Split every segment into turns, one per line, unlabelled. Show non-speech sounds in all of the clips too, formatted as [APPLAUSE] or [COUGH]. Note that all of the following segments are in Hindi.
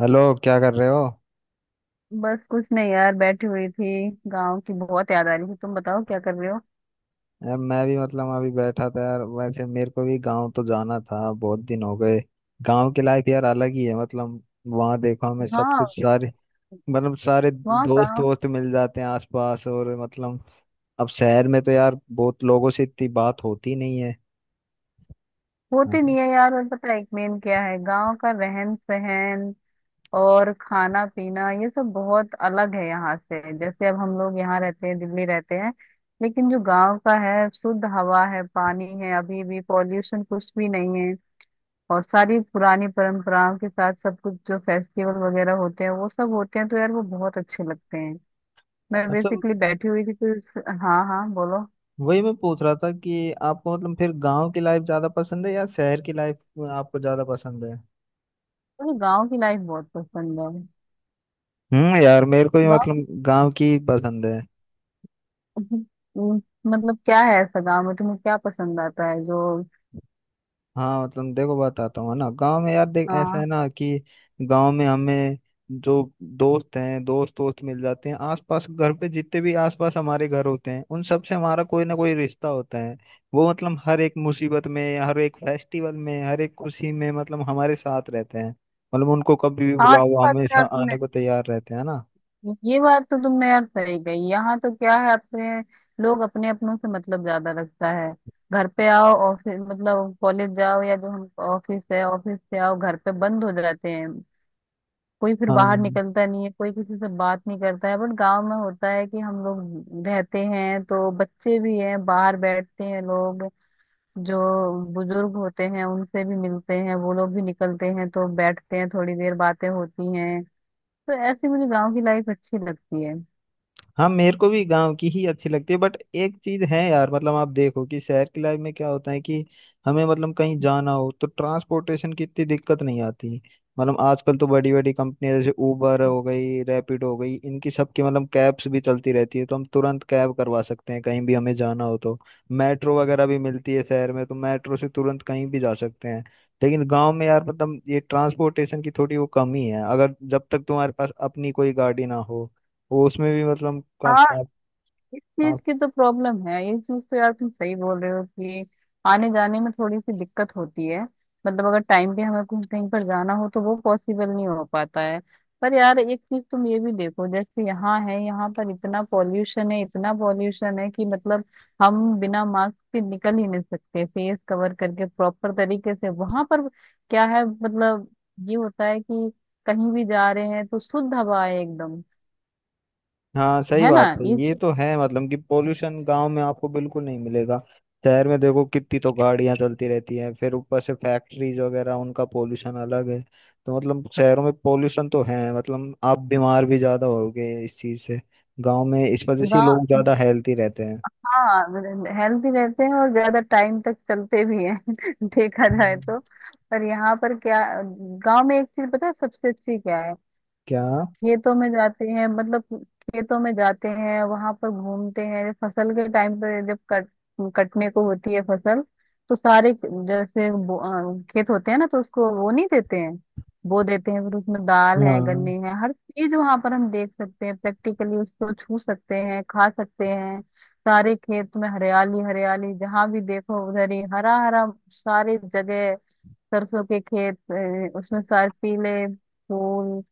हेलो, क्या कर रहे हो?
बस कुछ नहीं यार, बैठी हुई थी। गांव की बहुत याद आ रही थी। तुम बताओ, क्या कर रहे हो।
यार मैं भी मतलब अभी बैठा था। यार वैसे मेरे को भी गांव तो जाना था, बहुत दिन हो गए। गांव की लाइफ यार अलग ही है मतलब। वहाँ देखो हमें सब
हाँ।
कुछ सारे, मतलब सारे
वहाँ
दोस्त
गाँव
दोस्त मिल जाते हैं आसपास, और मतलब अब शहर में तो यार बहुत लोगों से इतनी बात होती नहीं है।
होती
हाँ।
नहीं है यार। और पता है एक मेन क्या है, गांव का रहन सहन और खाना पीना ये सब बहुत अलग है यहाँ से। जैसे अब हम लोग यहाँ रहते हैं, दिल्ली रहते हैं। लेकिन जो गांव का है, शुद्ध हवा है, पानी है, अभी भी पॉल्यूशन कुछ भी नहीं है। और सारी पुरानी परंपराओं के साथ सब कुछ, जो फेस्टिवल वगैरह होते हैं वो सब होते हैं, तो यार वो बहुत अच्छे लगते हैं। मैं
अच्छा।
बेसिकली बैठी हुई थी कुछ। हाँ हाँ, बोलो।
वही मैं पूछ रहा था कि आपको मतलब फिर गांव की लाइफ ज्यादा पसंद है या शहर की लाइफ आपको ज्यादा पसंद है?
मुझे गांव की लाइफ बहुत पसंद है।
यार मेरे को भी
गांव की।
मतलब गांव की पसंद है।
[LAUGHS] हम्म, मतलब क्या है, ऐसा गांव में तुम्हें क्या पसंद आता है जो।
हाँ मतलब देखो बताता हूँ, है ना, गांव में यार देख ऐसा
हाँ
है ना कि गांव में हमें जो दोस्त हैं, दोस्त दोस्त मिल जाते हैं आसपास। घर पे जितने भी आसपास हमारे घर होते हैं, उन सब से हमारा कोई ना कोई रिश्ता होता है। वो मतलब हर एक मुसीबत में, हर एक फेस्टिवल में, हर एक खुशी में मतलब हमारे साथ रहते हैं। मतलब उनको कभी भी
हाँ, ये
बुलाओ, वो
बात तो
हमेशा
यार तुमने।
आने को तैयार रहते हैं ना।
ये बात तो तुमने यार सही कही। यहाँ तो क्या है, अपने लोग अपने अपनों से मतलब ज्यादा रखता है। घर पे आओ, ऑफिस मतलब कॉलेज जाओ, या जो हम ऑफिस है, ऑफिस से आओ घर पे बंद हो जाते हैं। कोई फिर बाहर
हाँ,
निकलता नहीं है, कोई किसी से बात नहीं करता है। बट गांव में होता है कि हम लोग रहते हैं, तो बच्चे भी हैं, बाहर बैठते हैं लोग। जो बुजुर्ग होते हैं उनसे भी मिलते हैं, वो लोग भी निकलते हैं, तो बैठते हैं थोड़ी देर, बातें होती हैं। तो ऐसी मुझे गांव की लाइफ अच्छी लगती है।
हाँ मेरे को भी गांव की ही अच्छी लगती है, बट एक चीज है यार, मतलब आप देखो कि शहर की लाइफ में क्या होता है कि हमें मतलब कहीं जाना हो तो ट्रांसपोर्टेशन की इतनी दिक्कत नहीं आती। मतलब आजकल तो बड़ी बड़ी कंपनियां जैसे उबर हो गई, रैपिड हो गई, इनकी सबकी मतलब कैब्स भी चलती रहती है, तो हम तुरंत कैब करवा सकते हैं कहीं भी हमें जाना हो तो। मेट्रो वगैरह भी मिलती है शहर में तो, मेट्रो से तुरंत कहीं भी जा सकते हैं। लेकिन गांव में यार मतलब ये ट्रांसपोर्टेशन की थोड़ी वो कमी है अगर जब तक तुम्हारे पास अपनी कोई गाड़ी ना हो। वो उसमें भी मतलब का, आप,
इस चीज
आप
की तो प्रॉब्लम है। ये चीज तो यार तुम सही बोल रहे हो कि आने जाने में थोड़ी सी दिक्कत होती है। मतलब अगर टाइम पे हमें कुछ कहीं पर जाना हो, तो वो पॉसिबल नहीं हो पाता है। पर यार एक चीज तुम ये भी देखो, जैसे यहाँ है यहाँ पर इतना पॉल्यूशन है, इतना पॉल्यूशन है कि मतलब हम बिना मास्क के निकल ही नहीं सकते, फेस कवर करके प्रॉपर तरीके से। वहां पर क्या है मतलब, ये होता है कि कहीं भी जा रहे हैं तो शुद्ध हवा है एकदम।
हाँ सही
है ना
बात है,
ये
ये तो है मतलब कि पोल्यूशन गांव में आपको बिल्कुल नहीं मिलेगा। शहर में देखो कितनी तो गाड़ियां चलती रहती हैं, फिर ऊपर से फैक्ट्रीज वगैरह, उनका पोल्यूशन अलग है। तो मतलब शहरों में पोल्यूशन तो है मतलब, आप बीमार भी ज्यादा होगे इस चीज से। गांव में इस वजह से लोग
चीज।
ज्यादा हेल्थी रहते हैं।
हाँ, हेल्दी रहते हैं और ज्यादा टाइम तक चलते भी हैं [LAUGHS] देखा जाए
हम्म।
तो। पर यहाँ पर क्या, गांव में एक चीज पता है सबसे अच्छी क्या है।
क्या?
खेतों में जाते हैं, मतलब खेतों में जाते हैं, वहां पर घूमते हैं। फसल के टाइम पर जब कट कटने को होती है फसल, तो सारे जैसे खेत होते हैं ना तो उसको वो नहीं देते हैं। बो देते हैं, फिर उसमें दाल है, गन्ने
हाँ
हैं, हर चीज वहां पर हम देख सकते हैं प्रैक्टिकली, उसको छू सकते हैं, खा सकते हैं। सारे खेत में हरियाली हरियाली, जहां भी देखो उधर ही हरा हरा सारी जगह। सरसों के खेत, उसमें सारे पीले फूल।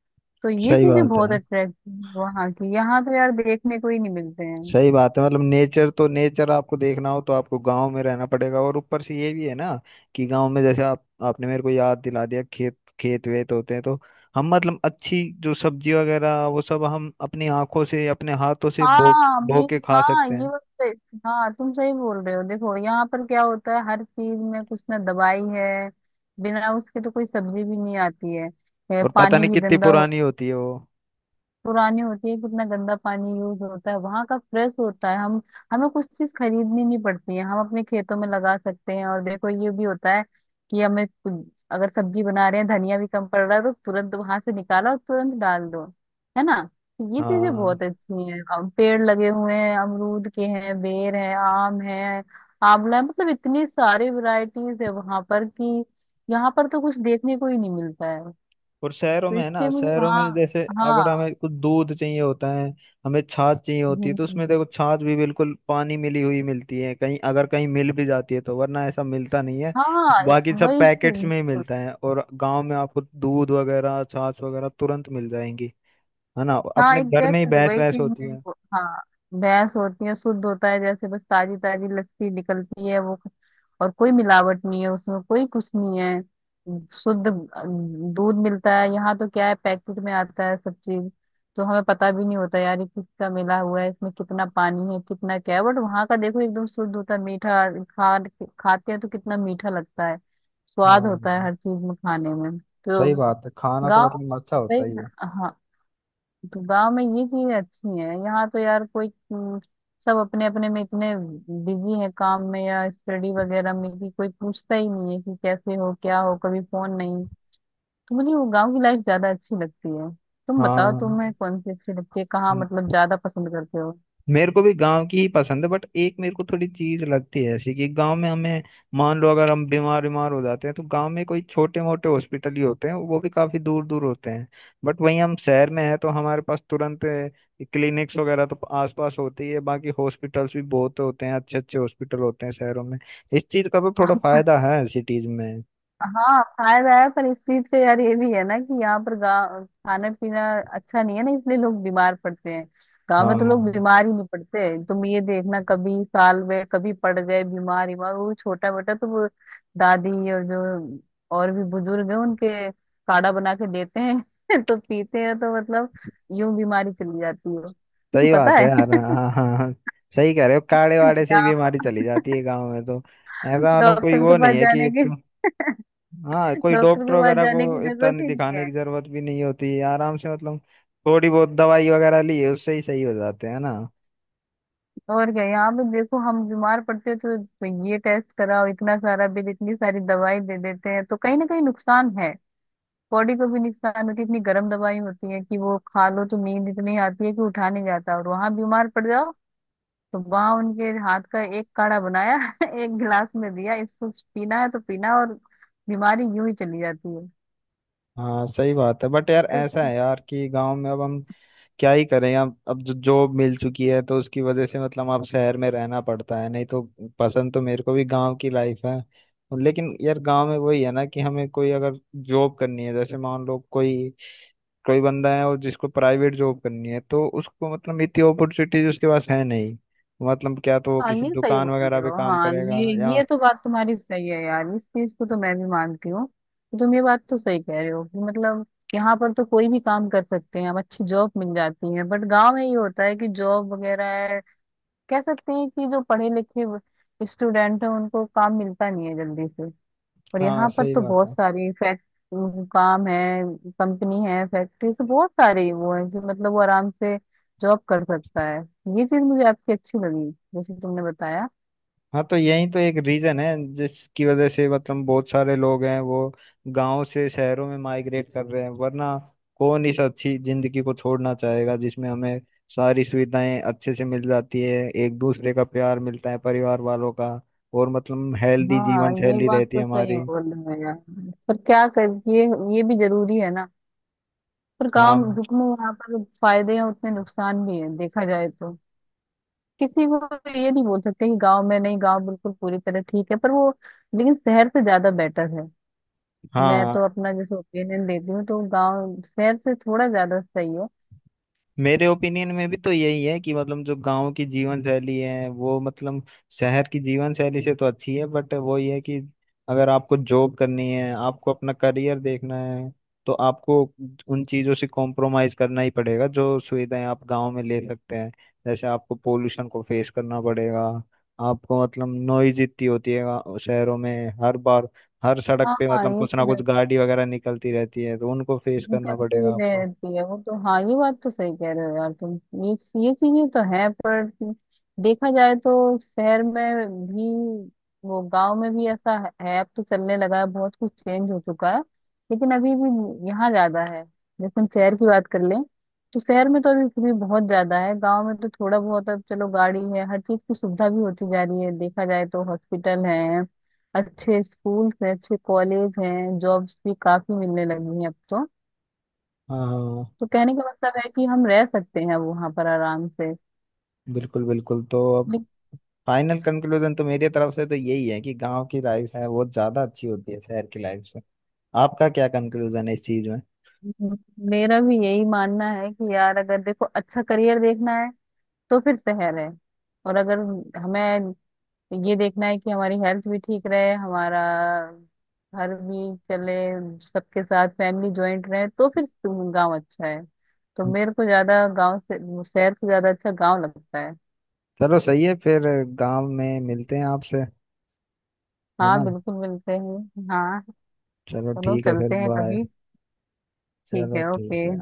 तो ये
सही
चीजें
बात
बहुत
है।
अट्रैक्टिव वहां की, यहाँ तो यार देखने को ही नहीं मिलते हैं।
सही बात है मतलब, नेचर तो नेचर आपको देखना हो तो आपको गांव में रहना पड़ेगा, और ऊपर से ये भी है ना कि गांव में जैसे आप, आपने मेरे को याद दिला दिया, खेत खेत वेत होते हैं तो हम मतलब अच्छी जो सब्जी वगैरह वो सब हम अपनी आंखों से अपने हाथों से बो
हाँ
बो
मैं।
के खा सकते हैं।
हाँ तुम सही बोल रहे हो। देखो यहाँ पर क्या होता है, हर चीज में कुछ ना दवाई है, बिना उसके तो कोई सब्जी भी नहीं आती है।
और पता
पानी
नहीं
भी
कितनी
गंदा,
पुरानी होती है वो।
पुरानी होती है। कितना गंदा पानी यूज होता है, वहां का फ्रेश होता है। हम हमें कुछ चीज खरीदनी नहीं पड़ती है, हम अपने खेतों में लगा सकते हैं। और देखो ये भी होता है कि अगर सब्जी बना रहे हैं, धनिया भी कम पड़ रहा है, तो तुरंत वहां से निकाला और तुरंत डाल दो। है ना, ये चीजें
हाँ।
बहुत अच्छी हैं। पेड़ लगे हुए हैं, अमरूद के हैं, बेर है, आम है, आंवला है। मतलब इतनी सारी वैरायटीज है वहां पर कि यहाँ पर तो कुछ देखने को ही नहीं मिलता है।
और शहरों
तो
में है ना,
इससे मुझे
शहरों
वहाँ।
में जैसे अगर
हाँ।
हमें कुछ दूध चाहिए होता है, हमें छाछ चाहिए होती है,
हम्म,
तो
हम्म।
उसमें देखो छाछ भी बिल्कुल पानी मिली हुई मिलती है कहीं, अगर कहीं मिल भी जाती है तो, वरना ऐसा मिलता नहीं है।
हाँ ए-
बाकी सब
वही
पैकेट्स
चीज।
में ही मिलता है, और गांव में आपको दूध वगैरह छाछ वगैरह तुरंत मिल जाएंगी। है ना,
हाँ
अपने घर में ही
एग्जैक्टली
भैंस
वही
भैंस
चीज
होती
मैं
है।
वो- हाँ भैंस होती है, शुद्ध होता है। जैसे बस ताजी ताजी लस्सी निकलती है वो, और कोई मिलावट नहीं है उसमें, कोई कुछ नहीं है। शुद्ध दूध मिलता है। यहाँ तो क्या है, पैकेट में आता है सब चीज। तो हमें पता भी नहीं होता यार ये किसका मिला हुआ है, इसमें कितना पानी है, कितना क्या है। बट वहाँ का देखो एकदम शुद्ध होता है, मीठा खा खाते हैं तो कितना मीठा लगता है। स्वाद होता है
हाँ
हर चीज में खाने में। तो
सही बात है, खाना तो
गाँव।
मतलब अच्छा
सही।
होता ही है।
हाँ। तो गाँव में ये चीजें अच्छी हैं, यहाँ तो यार कोई। हम्म, सब अपने अपने में इतने बिजी है काम में या स्टडी वगैरह में कि कोई पूछता ही नहीं है कि कैसे हो क्या हो, कभी फोन नहीं। तो मुझे वो गाँव की लाइफ ज्यादा अच्छी लगती है। तुम बताओ तुम्हें कौन सी अच्छी लगती है, कहाँ मतलब
हाँ
ज्यादा पसंद करते हो।
मेरे को भी गांव की ही पसंद है, बट एक मेरे को थोड़ी चीज लगती है ऐसी कि गांव में हमें मान लो अगर हम बीमार बीमार हो जाते हैं तो गांव में कोई छोटे मोटे हॉस्पिटल ही होते हैं, वो भी काफी दूर दूर होते हैं। बट वहीं हम शहर में हैं तो हमारे पास तुरंत क्लिनिक्स वगैरह तो आसपास होते ही है, बाकी हॉस्पिटल्स भी बहुत होते हैं, अच्छे अच्छे हॉस्पिटल होते हैं शहरों में। इस चीज का तो थोड़ा फायदा है सिटीज में।
हाँ फायदा है। पर इस चीज का यार ये भी है ना कि यहाँ पर गाँव खाना पीना अच्छा नहीं है ना, इसलिए लोग बीमार पड़ते हैं। गाँव में तो लोग
हाँ
बीमार ही नहीं पड़ते। तुम ये देखना, कभी साल में कभी पड़ गए बीमार, बीमार वो छोटा बेटा तो वो दादी और जो और भी बुजुर्ग है उनके काढ़ा बना के देते हैं [LAUGHS] तो पीते हैं, तो मतलब यूं बीमारी चली जाती है [LAUGHS]
सही
पता
बात है
है।
यार, हाँ हाँ हाँ। सही कह रहे हो, काड़े
[LAUGHS]
वाड़े से ही
यहाँ
बीमारी
पर
चली जाती है गाँव में तो, ऐसा मतलब कोई
डॉक्टर के
वो नहीं
पास
है
जाने
कि
की।
तुम। हाँ,
[LAUGHS]
कोई
डॉक्टर
डॉक्टर
के पास
वगैरह को
जाने की
इतना
जरूरत
नहीं
ही नहीं।
दिखाने की जरूरत भी नहीं होती है, आराम से मतलब थोड़ी बहुत दवाई वगैरह ली है, उससे ही सही हो जाते हैं ना।
और क्या, यहाँ पे देखो हम बीमार पड़ते हैं तो ये टेस्ट कराओ, इतना सारा बिल, इतनी सारी दवाई दे देते हैं, तो कहीं ना कहीं नुकसान है। बॉडी को भी नुकसान होती है। इतनी गर्म दवाई होती है कि वो खा लो तो नींद इतनी आती है कि उठा नहीं जाता। और वहां बीमार पड़ जाओ तो वहां उनके हाथ का एक काढ़ा बनाया [LAUGHS] एक गिलास में दिया, इसको पीना है तो पीना, और बीमारी यूं ही चली जाती है।
हाँ सही बात है, बट यार ऐसा है यार कि गांव में अब हम क्या ही करें, अब जो जॉब मिल चुकी है तो उसकी वजह से मतलब अब शहर में रहना पड़ता है, नहीं तो पसंद तो मेरे को भी गांव की लाइफ है। लेकिन यार गांव में वही है ना कि हमें कोई अगर जॉब करनी है, जैसे मान लो कोई, कोई बंदा है और जिसको प्राइवेट जॉब करनी है तो उसको मतलब इतनी अपॉर्चुनिटीज उसके पास है नहीं। मतलब क्या, तो वो
हाँ
किसी
ये सही
दुकान
बोल
वगैरह
रहे
पे
हो।
काम
हाँ
करेगा
ये
या।
ये तो बात तुम्हारी सही है यार, इस चीज को तो मैं भी मानती हूँ। तो तुम ये बात तो सही कह रहे हो कि मतलब यहाँ पर तो कोई भी काम कर सकते हैं हम, अच्छी जॉब मिल जाती है। बट गांव में ये होता है कि जॉब वगैरह है, कह सकते हैं कि जो पढ़े लिखे स्टूडेंट हैं उनको काम मिलता नहीं है जल्दी से। और
हाँ
यहाँ पर
सही
तो
बात
बहुत
है।
सारी फैक्ट काम है, कंपनी है, फैक्ट्री तो बहुत सारे वो है कि मतलब वो आराम से जॉब कर सकता है। ये चीज मुझे आपकी अच्छी लगी जैसे तुमने बताया।
हाँ तो यही तो एक रीजन है जिसकी वजह से मतलब बहुत सारे लोग हैं वो गांव से शहरों में माइग्रेट कर रहे हैं, वरना कौन इस अच्छी जिंदगी को छोड़ना चाहेगा जिसमें हमें सारी सुविधाएं अच्छे से मिल जाती है, एक दूसरे का प्यार मिलता है परिवार वालों का, और मतलब हेल्दी
हाँ
जीवन
ये
शैली
बात
रहती है
तो सही
हमारी।
बोल रहे हो यार। पर क्या कर ये ये भी जरूरी है ना। पर काम,
हाँ
जितने यहाँ पर फायदे हैं उतने नुकसान भी हैं देखा जाए तो। किसी को तो ये नहीं बोल सकते कि गांव में नहीं, गांव बिल्कुल पूरी तरह ठीक है पर वो, लेकिन शहर से ज्यादा बेटर है। मैं
हाँ।
तो अपना जैसे ओपिनियन देती हूँ तो गांव शहर से थोड़ा ज्यादा सही है।
मेरे ओपिनियन में भी तो यही है कि मतलब जो गांव की जीवन शैली है वो मतलब शहर की जीवन शैली से तो अच्छी है, बट वो ये है कि अगर आपको जॉब करनी है, आपको अपना करियर देखना है, तो आपको उन चीज़ों से कॉम्प्रोमाइज करना ही पड़ेगा जो सुविधाएं आप गांव में ले सकते हैं। जैसे आपको पोल्यूशन को फेस करना पड़ेगा, आपको मतलब नॉइज इतनी होती है शहरों में, हर बार हर सड़क
हाँ
पे
हाँ,
मतलब
ये
कुछ
तो,
ना कुछ गाड़ी वगैरह निकलती रहती है तो उनको फेस
वो
करना
चलती
पड़ेगा आपको।
रहती है वो तो। हाँ, ये बात तो सही कह रहे हो यार तुम। ये ये चीजें तो है, पर देखा जाए तो शहर में भी वो, गांव में भी ऐसा है, अब तो चलने लगा है, बहुत कुछ चेंज हो चुका है, लेकिन अभी भी यहाँ ज्यादा है। जैसे हम शहर की बात कर लें, तो शहर में तो अभी भी बहुत ज्यादा है। गांव में तो थोड़ा बहुत अब चलो गाड़ी है, हर चीज की सुविधा भी होती जा रही है देखा जाए तो। हॉस्पिटल है, अच्छे स्कूल हैं, अच्छे कॉलेज हैं, जॉब्स भी काफी मिलने लगी हैं अब तो।
हाँ हाँ।
तो कहने का मतलब है कि हम रह सकते हैं वहां पर आराम से।
बिल्कुल बिल्कुल, तो अब फाइनल कंक्लूजन तो मेरी तरफ से तो यही है कि गांव की लाइफ है वो ज्यादा अच्छी होती है शहर की लाइफ से। आपका क्या कंक्लूजन है इस चीज में?
लेकिन मेरा भी यही मानना है कि यार अगर देखो अच्छा करियर देखना है, तो फिर शहर है। और अगर हमें ये देखना है कि हमारी हेल्थ भी ठीक रहे, हमारा घर भी चले, सबके साथ फैमिली ज्वाइंट रहे, तो फिर गांव अच्छा है। तो मेरे को ज्यादा गांव से, शहर से ज्यादा अच्छा गांव लगता है।
चलो सही है फिर, गांव में मिलते हैं आपसे, है ना।
हाँ बिल्कुल, मिलते हैं हाँ।
चलो
चलो
ठीक है फिर,
चलते हैं
बाय।
कभी। ठीक
चलो
है, ओके।
ठीक है।